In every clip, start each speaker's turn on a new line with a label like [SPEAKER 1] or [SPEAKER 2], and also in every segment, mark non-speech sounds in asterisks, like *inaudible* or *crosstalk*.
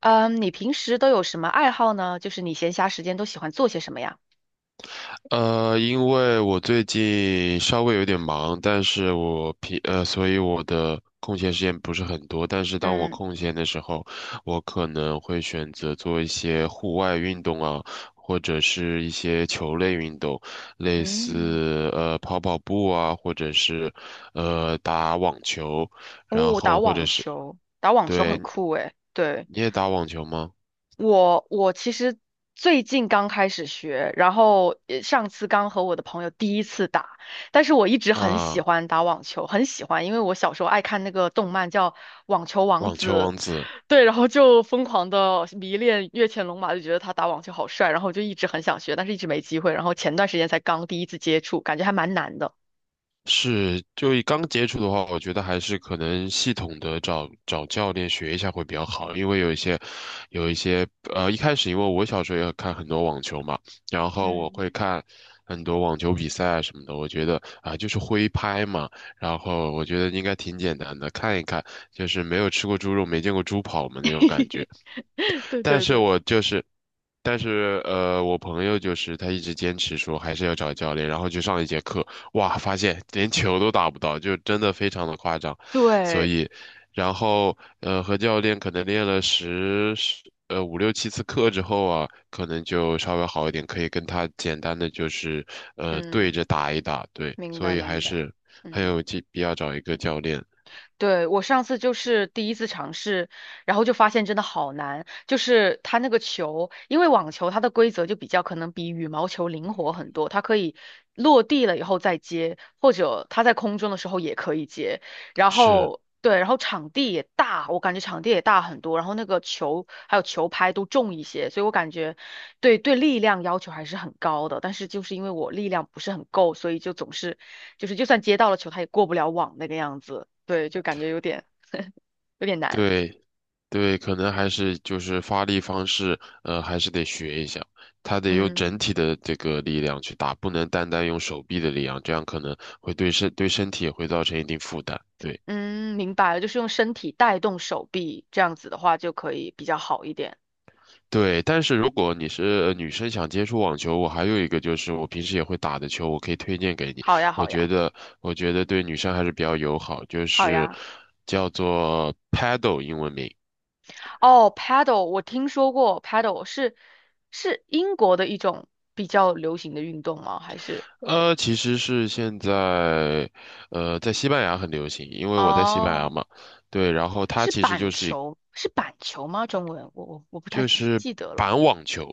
[SPEAKER 1] 嗯，你平时都有什么爱好呢？就是你闲暇时间都喜欢做些什么呀？
[SPEAKER 2] 因为我最近稍微有点忙，但是所以我的空闲时间不是很多。但是当我
[SPEAKER 1] 嗯
[SPEAKER 2] 空闲的时候，我可能会选择做一些户外运动啊，或者是一些球类运动，类
[SPEAKER 1] 嗯，
[SPEAKER 2] 似跑跑步啊，或者是打网球，然
[SPEAKER 1] 哦，打
[SPEAKER 2] 后或者
[SPEAKER 1] 网
[SPEAKER 2] 是
[SPEAKER 1] 球，打网球
[SPEAKER 2] 对，
[SPEAKER 1] 很酷诶。对，
[SPEAKER 2] 你也打网球吗？
[SPEAKER 1] 我其实最近刚开始学，然后上次刚和我的朋友第一次打，但是我一直很喜
[SPEAKER 2] 啊，
[SPEAKER 1] 欢打网球，很喜欢，因为我小时候爱看那个动漫叫《网球王
[SPEAKER 2] 网球
[SPEAKER 1] 子》，
[SPEAKER 2] 王子。
[SPEAKER 1] 对，然后就疯狂的迷恋越前龙马，就觉得他打网球好帅，然后就一直很想学，但是一直没机会。然后前段时间才刚第一次接触，感觉还蛮难的。
[SPEAKER 2] 是，就刚接触的话，我觉得还是可能系统的找找教练学一下会比较好，因为有一些，一开始因为我小时候也看很多网球嘛，然后我
[SPEAKER 1] 嗯，
[SPEAKER 2] 会看很多网球比赛啊什么的，我觉得啊，就是挥拍嘛，然后我觉得应该挺简单的，看一看，就是没有吃过猪肉，没见过猪跑嘛那种感觉。
[SPEAKER 1] *laughs* 对
[SPEAKER 2] 但
[SPEAKER 1] 对
[SPEAKER 2] 是
[SPEAKER 1] 对
[SPEAKER 2] 我就是，但是我朋友就是他一直坚持说还是要找教练，然后去上一节课，哇，发现连球都打不到，就真的非常的夸张，所
[SPEAKER 1] 对，
[SPEAKER 2] 以，然后和教练可能练了十十呃五六七次课之后啊，可能就稍微好一点，可以跟他简单的就是对
[SPEAKER 1] 嗯，
[SPEAKER 2] 着打一打，对，
[SPEAKER 1] 明
[SPEAKER 2] 所
[SPEAKER 1] 白
[SPEAKER 2] 以还
[SPEAKER 1] 明白，
[SPEAKER 2] 是很
[SPEAKER 1] 嗯。
[SPEAKER 2] 有必要找一个教练，
[SPEAKER 1] 对，我上次就是第一次尝试，然后就发现真的好难。就是它那个球，因为网球它的规则就比较可能比羽毛球灵活很多，它可以落地了以后再接，或者它在空中的时候也可以接。然
[SPEAKER 2] 是，
[SPEAKER 1] 后对，然后场地也大，我感觉场地也大很多，然后那个球还有球拍都重一些，所以我感觉对对力量要求还是很高的，但是就是因为我力量不是很够，所以就总是就是就算接到了球，他也过不了网那个样子。对，就感觉有点 *laughs* 有点难。
[SPEAKER 2] 对。对，可能还是就是发力方式，还是得学一下。他得用
[SPEAKER 1] 嗯
[SPEAKER 2] 整体的这个力量去打，不能单单用手臂的力量，这样可能会对身体也会造成一定负担。对
[SPEAKER 1] 嗯，明白了，就是用身体带动手臂，这样子的话就可以比较好一点。
[SPEAKER 2] 对，但是如果你是女生想接触网球，我还有一个就是我平时也会打的球，我可以推荐给你。
[SPEAKER 1] 好呀，
[SPEAKER 2] 我
[SPEAKER 1] 好
[SPEAKER 2] 觉
[SPEAKER 1] 呀，
[SPEAKER 2] 得我觉得对女生还是比较友好，就
[SPEAKER 1] 好
[SPEAKER 2] 是
[SPEAKER 1] 呀。
[SPEAKER 2] 叫做 Paddle 英文名。
[SPEAKER 1] 哦，paddle 我听说过，paddle 是英国的一种比较流行的运动吗？还是？
[SPEAKER 2] 其实是现在，在西班牙很流行，因为我在西班牙
[SPEAKER 1] 哦。
[SPEAKER 2] 嘛，对，然后它
[SPEAKER 1] 是
[SPEAKER 2] 其实就
[SPEAKER 1] 板
[SPEAKER 2] 是
[SPEAKER 1] 球，是板球吗？中文我不太
[SPEAKER 2] 就
[SPEAKER 1] 记
[SPEAKER 2] 是
[SPEAKER 1] 记得了。
[SPEAKER 2] 板网球，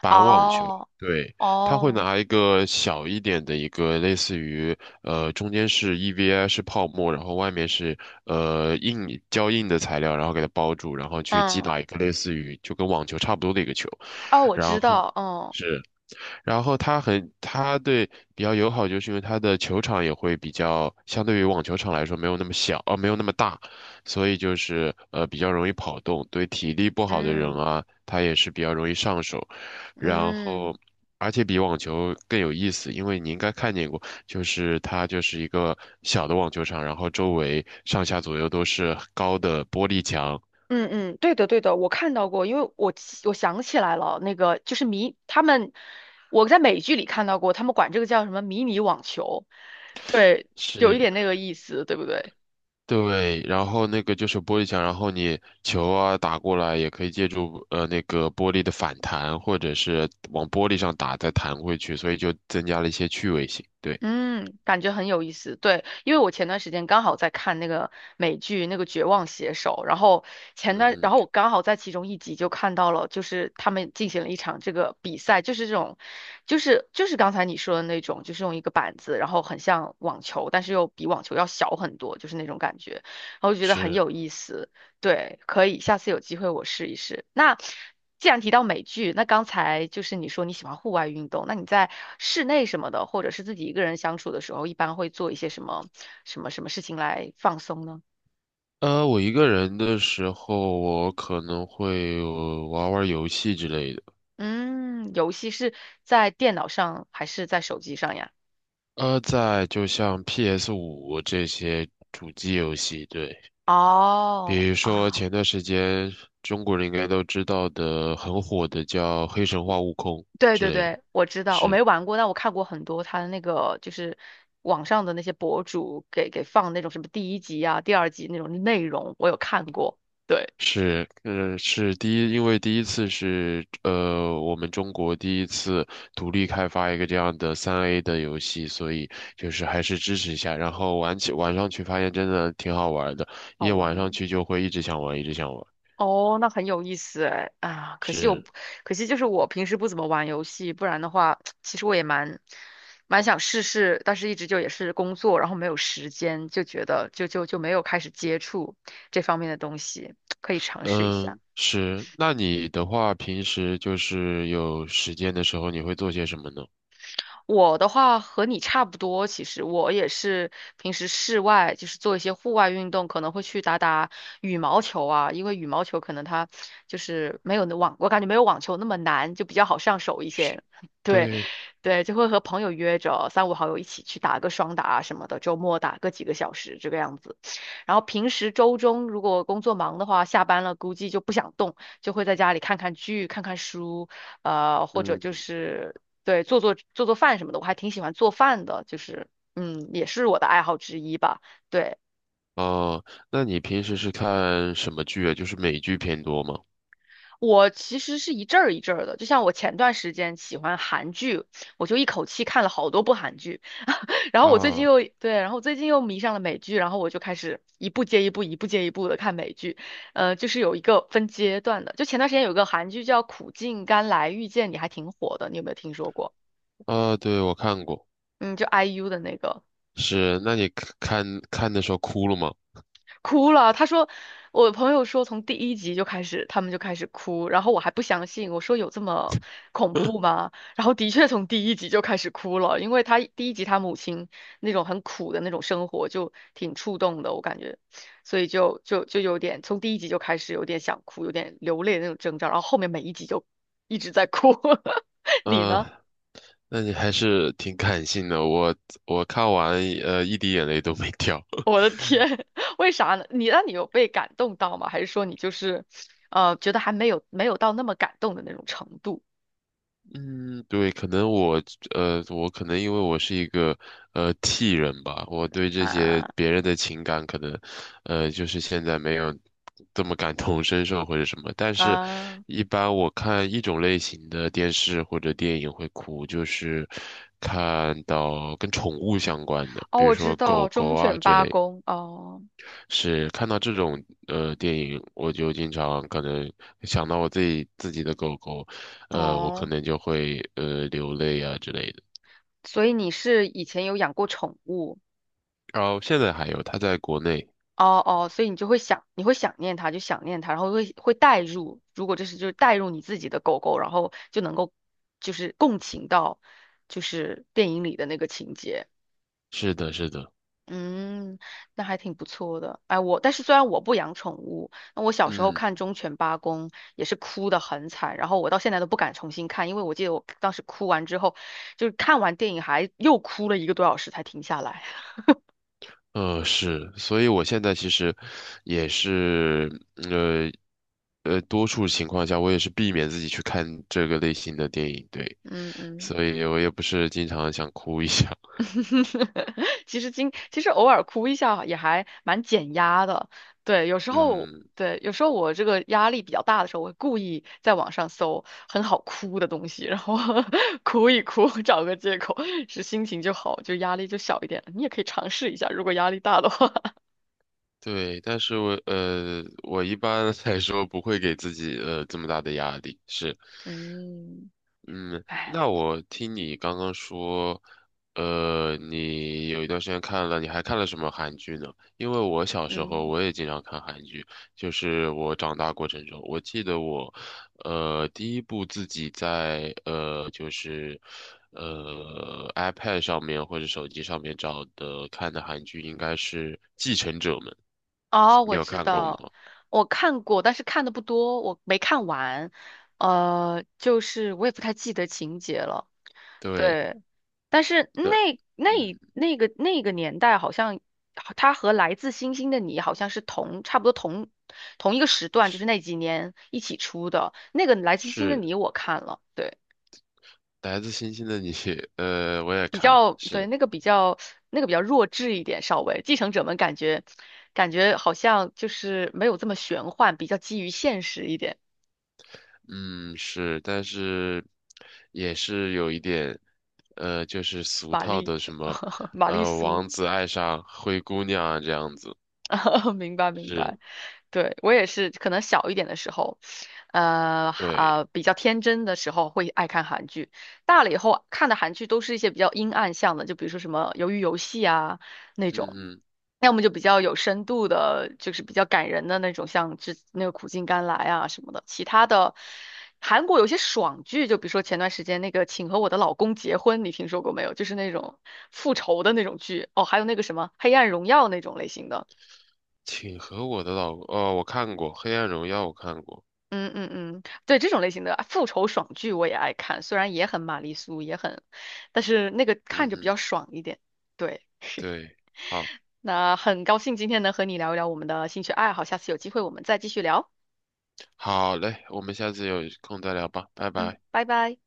[SPEAKER 2] 板网球，
[SPEAKER 1] 哦
[SPEAKER 2] 对，它会
[SPEAKER 1] 哦，
[SPEAKER 2] 拿一个小一点的一个类似于中间是 EVA 是泡沫，然后外面是硬的材料，然后给它包住，然后去击
[SPEAKER 1] 嗯，
[SPEAKER 2] 打一个类似于就跟网球差不多的一个球，
[SPEAKER 1] 哦，我
[SPEAKER 2] 然
[SPEAKER 1] 知
[SPEAKER 2] 后
[SPEAKER 1] 道，嗯
[SPEAKER 2] 是。然后它对比较友好，就是因为它的球场也会比较，相对于网球场来说没有那么小，没有那么大，所以就是比较容易跑动，对体力不好的人
[SPEAKER 1] 嗯
[SPEAKER 2] 啊，他也是比较容易上手。然
[SPEAKER 1] 嗯
[SPEAKER 2] 后，而且比网球更有意思，因为你应该看见过，就是它就是一个小的网球场，然后周围上下左右都是高的玻璃墙，
[SPEAKER 1] 嗯嗯，对的对的，我看到过，因为我想起来了，那个就是迷他们，我在美剧里看到过，他们管这个叫什么迷你网球，对，有一
[SPEAKER 2] 是
[SPEAKER 1] 点那个意思，对不对？
[SPEAKER 2] 对，然后那个就是玻璃墙，然后你球啊打过来也可以借助那个玻璃的反弹，或者是往玻璃上打再弹回去，所以就增加了一些趣味性。对，
[SPEAKER 1] 嗯，感觉很有意思。对，因为我前段时间刚好在看那个美剧那个《绝望写手》，然后前
[SPEAKER 2] 嗯
[SPEAKER 1] 段，然
[SPEAKER 2] 哼，
[SPEAKER 1] 后我刚好在其中一集就看到了，就是他们进行了一场这个比赛，就是这种，就是刚才你说的那种，就是用一个板子，然后很像网球，但是又比网球要小很多，就是那种感觉，然后我就觉得很
[SPEAKER 2] 是。
[SPEAKER 1] 有意思。对，可以，下次有机会我试一试。那既然提到美剧，那刚才就是你说你喜欢户外运动，那你在室内什么的，或者是自己一个人相处的时候，一般会做一些什么事情来放松呢？
[SPEAKER 2] 我一个人的时候，我可能会玩玩游戏之类的。
[SPEAKER 1] 嗯，游戏是在电脑上还是在手机上呀？
[SPEAKER 2] 在就像 PS5这些主机游戏，对。
[SPEAKER 1] 哦
[SPEAKER 2] 比如说
[SPEAKER 1] 啊，
[SPEAKER 2] 前段时间中国人应该都知道的很火的叫黑神话悟空
[SPEAKER 1] 对
[SPEAKER 2] 之
[SPEAKER 1] 对
[SPEAKER 2] 类的，
[SPEAKER 1] 对，我知道，我
[SPEAKER 2] 是
[SPEAKER 1] 没玩过，但我看过很多他的那个，就是网上的那些博主给放那种什么第一集啊、第二集那种内容，我有看过。对。
[SPEAKER 2] 是第一，因为第一次是我们中国第一次独立开发一个这样的3A 的游戏，所以就是还是支持一下。然后玩上去发现真的挺好玩的，
[SPEAKER 1] 好
[SPEAKER 2] 一
[SPEAKER 1] 玩
[SPEAKER 2] 玩
[SPEAKER 1] 哦。
[SPEAKER 2] 上去就会一直想玩，一直想玩。
[SPEAKER 1] 哦那很有意思哎啊！可惜我不
[SPEAKER 2] 是，
[SPEAKER 1] 可惜就是我平时不怎么玩游戏，不然的话，其实我也蛮想试试，但是一直就也是工作，然后没有时间，就觉得就没有开始接触这方面的东西，可以尝试一下。
[SPEAKER 2] 嗯，是。那你的话，平时就是有时间的时候，你会做些什么呢？
[SPEAKER 1] 我的话和你差不多，其实我也是平时室外就是做一些户外运动，可能会去打打羽毛球啊，因为羽毛球可能它就是没有那网，我感觉没有网球那么难，就比较好上手一些。*laughs* 对，
[SPEAKER 2] 对，
[SPEAKER 1] 对，就会和朋友约着三五好友一起去打个双打啊什么的，周末打个几个小时这个样子。然后平时周中如果工作忙的话，下班了估计就不想动，就会在家里看看剧、看看书，或者就
[SPEAKER 2] 嗯，
[SPEAKER 1] 是对，做做做做饭什么的，我还挺喜欢做饭的，就是也是我的爱好之一吧。对，
[SPEAKER 2] 哦，那你平时是看什么剧啊？就是美剧偏多吗？
[SPEAKER 1] 我其实是一阵儿一阵儿的，就像我前段时间喜欢韩剧，我就一口气看了好多部韩剧，*laughs* 然后我最近
[SPEAKER 2] 啊
[SPEAKER 1] 又对，然后最近又迷上了美剧，然后我就开始一部接一部，一部接一部的看美剧，就是有一个分阶段的。就前段时间有个韩剧叫《苦尽甘来遇见你》，还挺火的，你有没有听说过？
[SPEAKER 2] 啊，对，我看过，
[SPEAKER 1] 嗯，就 IU 的那个。
[SPEAKER 2] 是，那你看的时候哭了吗？
[SPEAKER 1] 哭了。他说，我朋友说从第一集就开始，他们就开始哭，然后我还不相信，我说有这么恐怖
[SPEAKER 2] *laughs*
[SPEAKER 1] 吗？然后的确从第一集就开始哭了，因为他第一集他母亲那种很苦的那种生活就挺触动的，我感觉，所以就有点从第一集就开始有点想哭，有点流泪的那种征兆，然后后面每一集就一直在哭。*laughs* 你呢？
[SPEAKER 2] 啊，那你还是挺感性的，我看完一滴眼泪都没掉。
[SPEAKER 1] 我的天，*laughs* 为啥呢？你有被感动到吗？还是说你就是，觉得还没有到那么感动的那种程度
[SPEAKER 2] 嗯，对，可能我我可能因为我是一个T 人吧，我对这些
[SPEAKER 1] 啊
[SPEAKER 2] 别人的情感可能就是现在没有这么感同身受或者什么。但是，
[SPEAKER 1] 啊？
[SPEAKER 2] 一般我看一种类型的电视或者电影会哭，就是看到跟宠物相关的，
[SPEAKER 1] 哦，
[SPEAKER 2] 比如
[SPEAKER 1] 我知
[SPEAKER 2] 说
[SPEAKER 1] 道
[SPEAKER 2] 狗狗
[SPEAKER 1] 忠
[SPEAKER 2] 啊
[SPEAKER 1] 犬
[SPEAKER 2] 这
[SPEAKER 1] 八
[SPEAKER 2] 类的
[SPEAKER 1] 公哦
[SPEAKER 2] 是看到这种电影，我就经常可能想到我自己的狗狗，我可
[SPEAKER 1] 哦，
[SPEAKER 2] 能就会流泪啊之类的。
[SPEAKER 1] 所以你是以前有养过宠物
[SPEAKER 2] 然后现在还有，它在国内，
[SPEAKER 1] 哦哦，所以你就会想你会想念它，就想念它，然后会代入，如果这是就是代入你自己的狗狗，然后就能够就是共情到就是电影里的那个情节。
[SPEAKER 2] 是的，是的，
[SPEAKER 1] 嗯，那还挺不错的。哎，我但是虽然我不养宠物，那我小时候
[SPEAKER 2] 嗯，
[SPEAKER 1] 看《忠犬八公》也是哭得很惨，然后我到现在都不敢重新看，因为我记得我当时哭完之后，就是看完电影还又哭了一个多小时才停下来。*laughs*
[SPEAKER 2] 是，所以我现在其实也是呃多数情况下我也是避免自己去看这个类型的电影，对，
[SPEAKER 1] 嗯嗯。
[SPEAKER 2] 所以我也不是经常想哭一下，
[SPEAKER 1] *laughs* 其实偶尔哭一下也还蛮减压的，对，有时
[SPEAKER 2] *laughs*
[SPEAKER 1] 候
[SPEAKER 2] 嗯。
[SPEAKER 1] 对，有时候我这个压力比较大的时候，我会故意在网上搜很好哭的东西，然后 *laughs* 哭一哭，*laughs* 找个借口，是心情就好，就压力就小一点了你也可以尝试一下，如果压力大的话，
[SPEAKER 2] 对，但是我我一般来说不会给自己这么大的压力，是，
[SPEAKER 1] *laughs* 嗯，
[SPEAKER 2] 嗯，
[SPEAKER 1] 哎，
[SPEAKER 2] 那我听你刚刚说，你有一段时间看了，你还看了什么韩剧呢？因为我小时候
[SPEAKER 1] 嗯，
[SPEAKER 2] 我也经常看韩剧，就是我长大过程中，我记得我，第一部自己在就是iPad 上面或者手机上面找的看的韩剧应该是《继承者们》，
[SPEAKER 1] 哦，
[SPEAKER 2] 你
[SPEAKER 1] 我
[SPEAKER 2] 有
[SPEAKER 1] 知
[SPEAKER 2] 看过吗？
[SPEAKER 1] 道，我看过，但是看的不多，我没看完，就是我也不太记得情节了，
[SPEAKER 2] 对的，
[SPEAKER 1] 对。但是
[SPEAKER 2] 对嗯。
[SPEAKER 1] 那个年代，好像他和《来自星星的你》好像是差不多同一个时段，就是那几年一起出的那个《来自星星的
[SPEAKER 2] 是，
[SPEAKER 1] 你》，我看了，对，
[SPEAKER 2] 来自星星的你，我也
[SPEAKER 1] 比
[SPEAKER 2] 看，
[SPEAKER 1] 较对
[SPEAKER 2] 是，
[SPEAKER 1] 那个比较那个比较弱智一点，稍微《继承者们》感觉好像就是没有这么玄幻，比较基于现实一点。
[SPEAKER 2] 嗯，是，但是也是有一点，就是俗
[SPEAKER 1] 玛
[SPEAKER 2] 套
[SPEAKER 1] 丽，
[SPEAKER 2] 的什么，
[SPEAKER 1] *laughs* 玛丽苏，
[SPEAKER 2] 王子爱上灰姑娘啊这样子，
[SPEAKER 1] *laughs* 明白明
[SPEAKER 2] 是，
[SPEAKER 1] 白。对，我也是，可能小一点的时候，
[SPEAKER 2] 对，
[SPEAKER 1] 比较天真的时候会爱看韩剧，大了以后看的韩剧都是一些比较阴暗向的，就比如说什么《鱿鱼游戏》啊那种，
[SPEAKER 2] 嗯嗯，
[SPEAKER 1] 要么就比较有深度的，就是比较感人的那种，像那个《苦尽甘来》啊什么的。其他的韩国有些爽剧，就比如说前段时间那个《请和我的老公结婚》，你听说过没有？就是那种复仇的那种剧哦，还有那个什么《黑暗荣耀》那种类型的。
[SPEAKER 2] 请和我的老公，哦，我看过《黑暗荣耀》，我看过，
[SPEAKER 1] 嗯嗯嗯，对这种类型的啊复仇爽剧我也爱看，虽然也很玛丽苏，也很，但是那个看
[SPEAKER 2] 嗯
[SPEAKER 1] 着比
[SPEAKER 2] 嗯，
[SPEAKER 1] 较爽一点。对，
[SPEAKER 2] 对，好，
[SPEAKER 1] 那很高兴今天能和你聊一聊我们的兴趣爱好，下次有机会我们再继续聊。
[SPEAKER 2] 好嘞，我们下次有空再聊吧，拜
[SPEAKER 1] 嗯，
[SPEAKER 2] 拜。
[SPEAKER 1] 拜拜。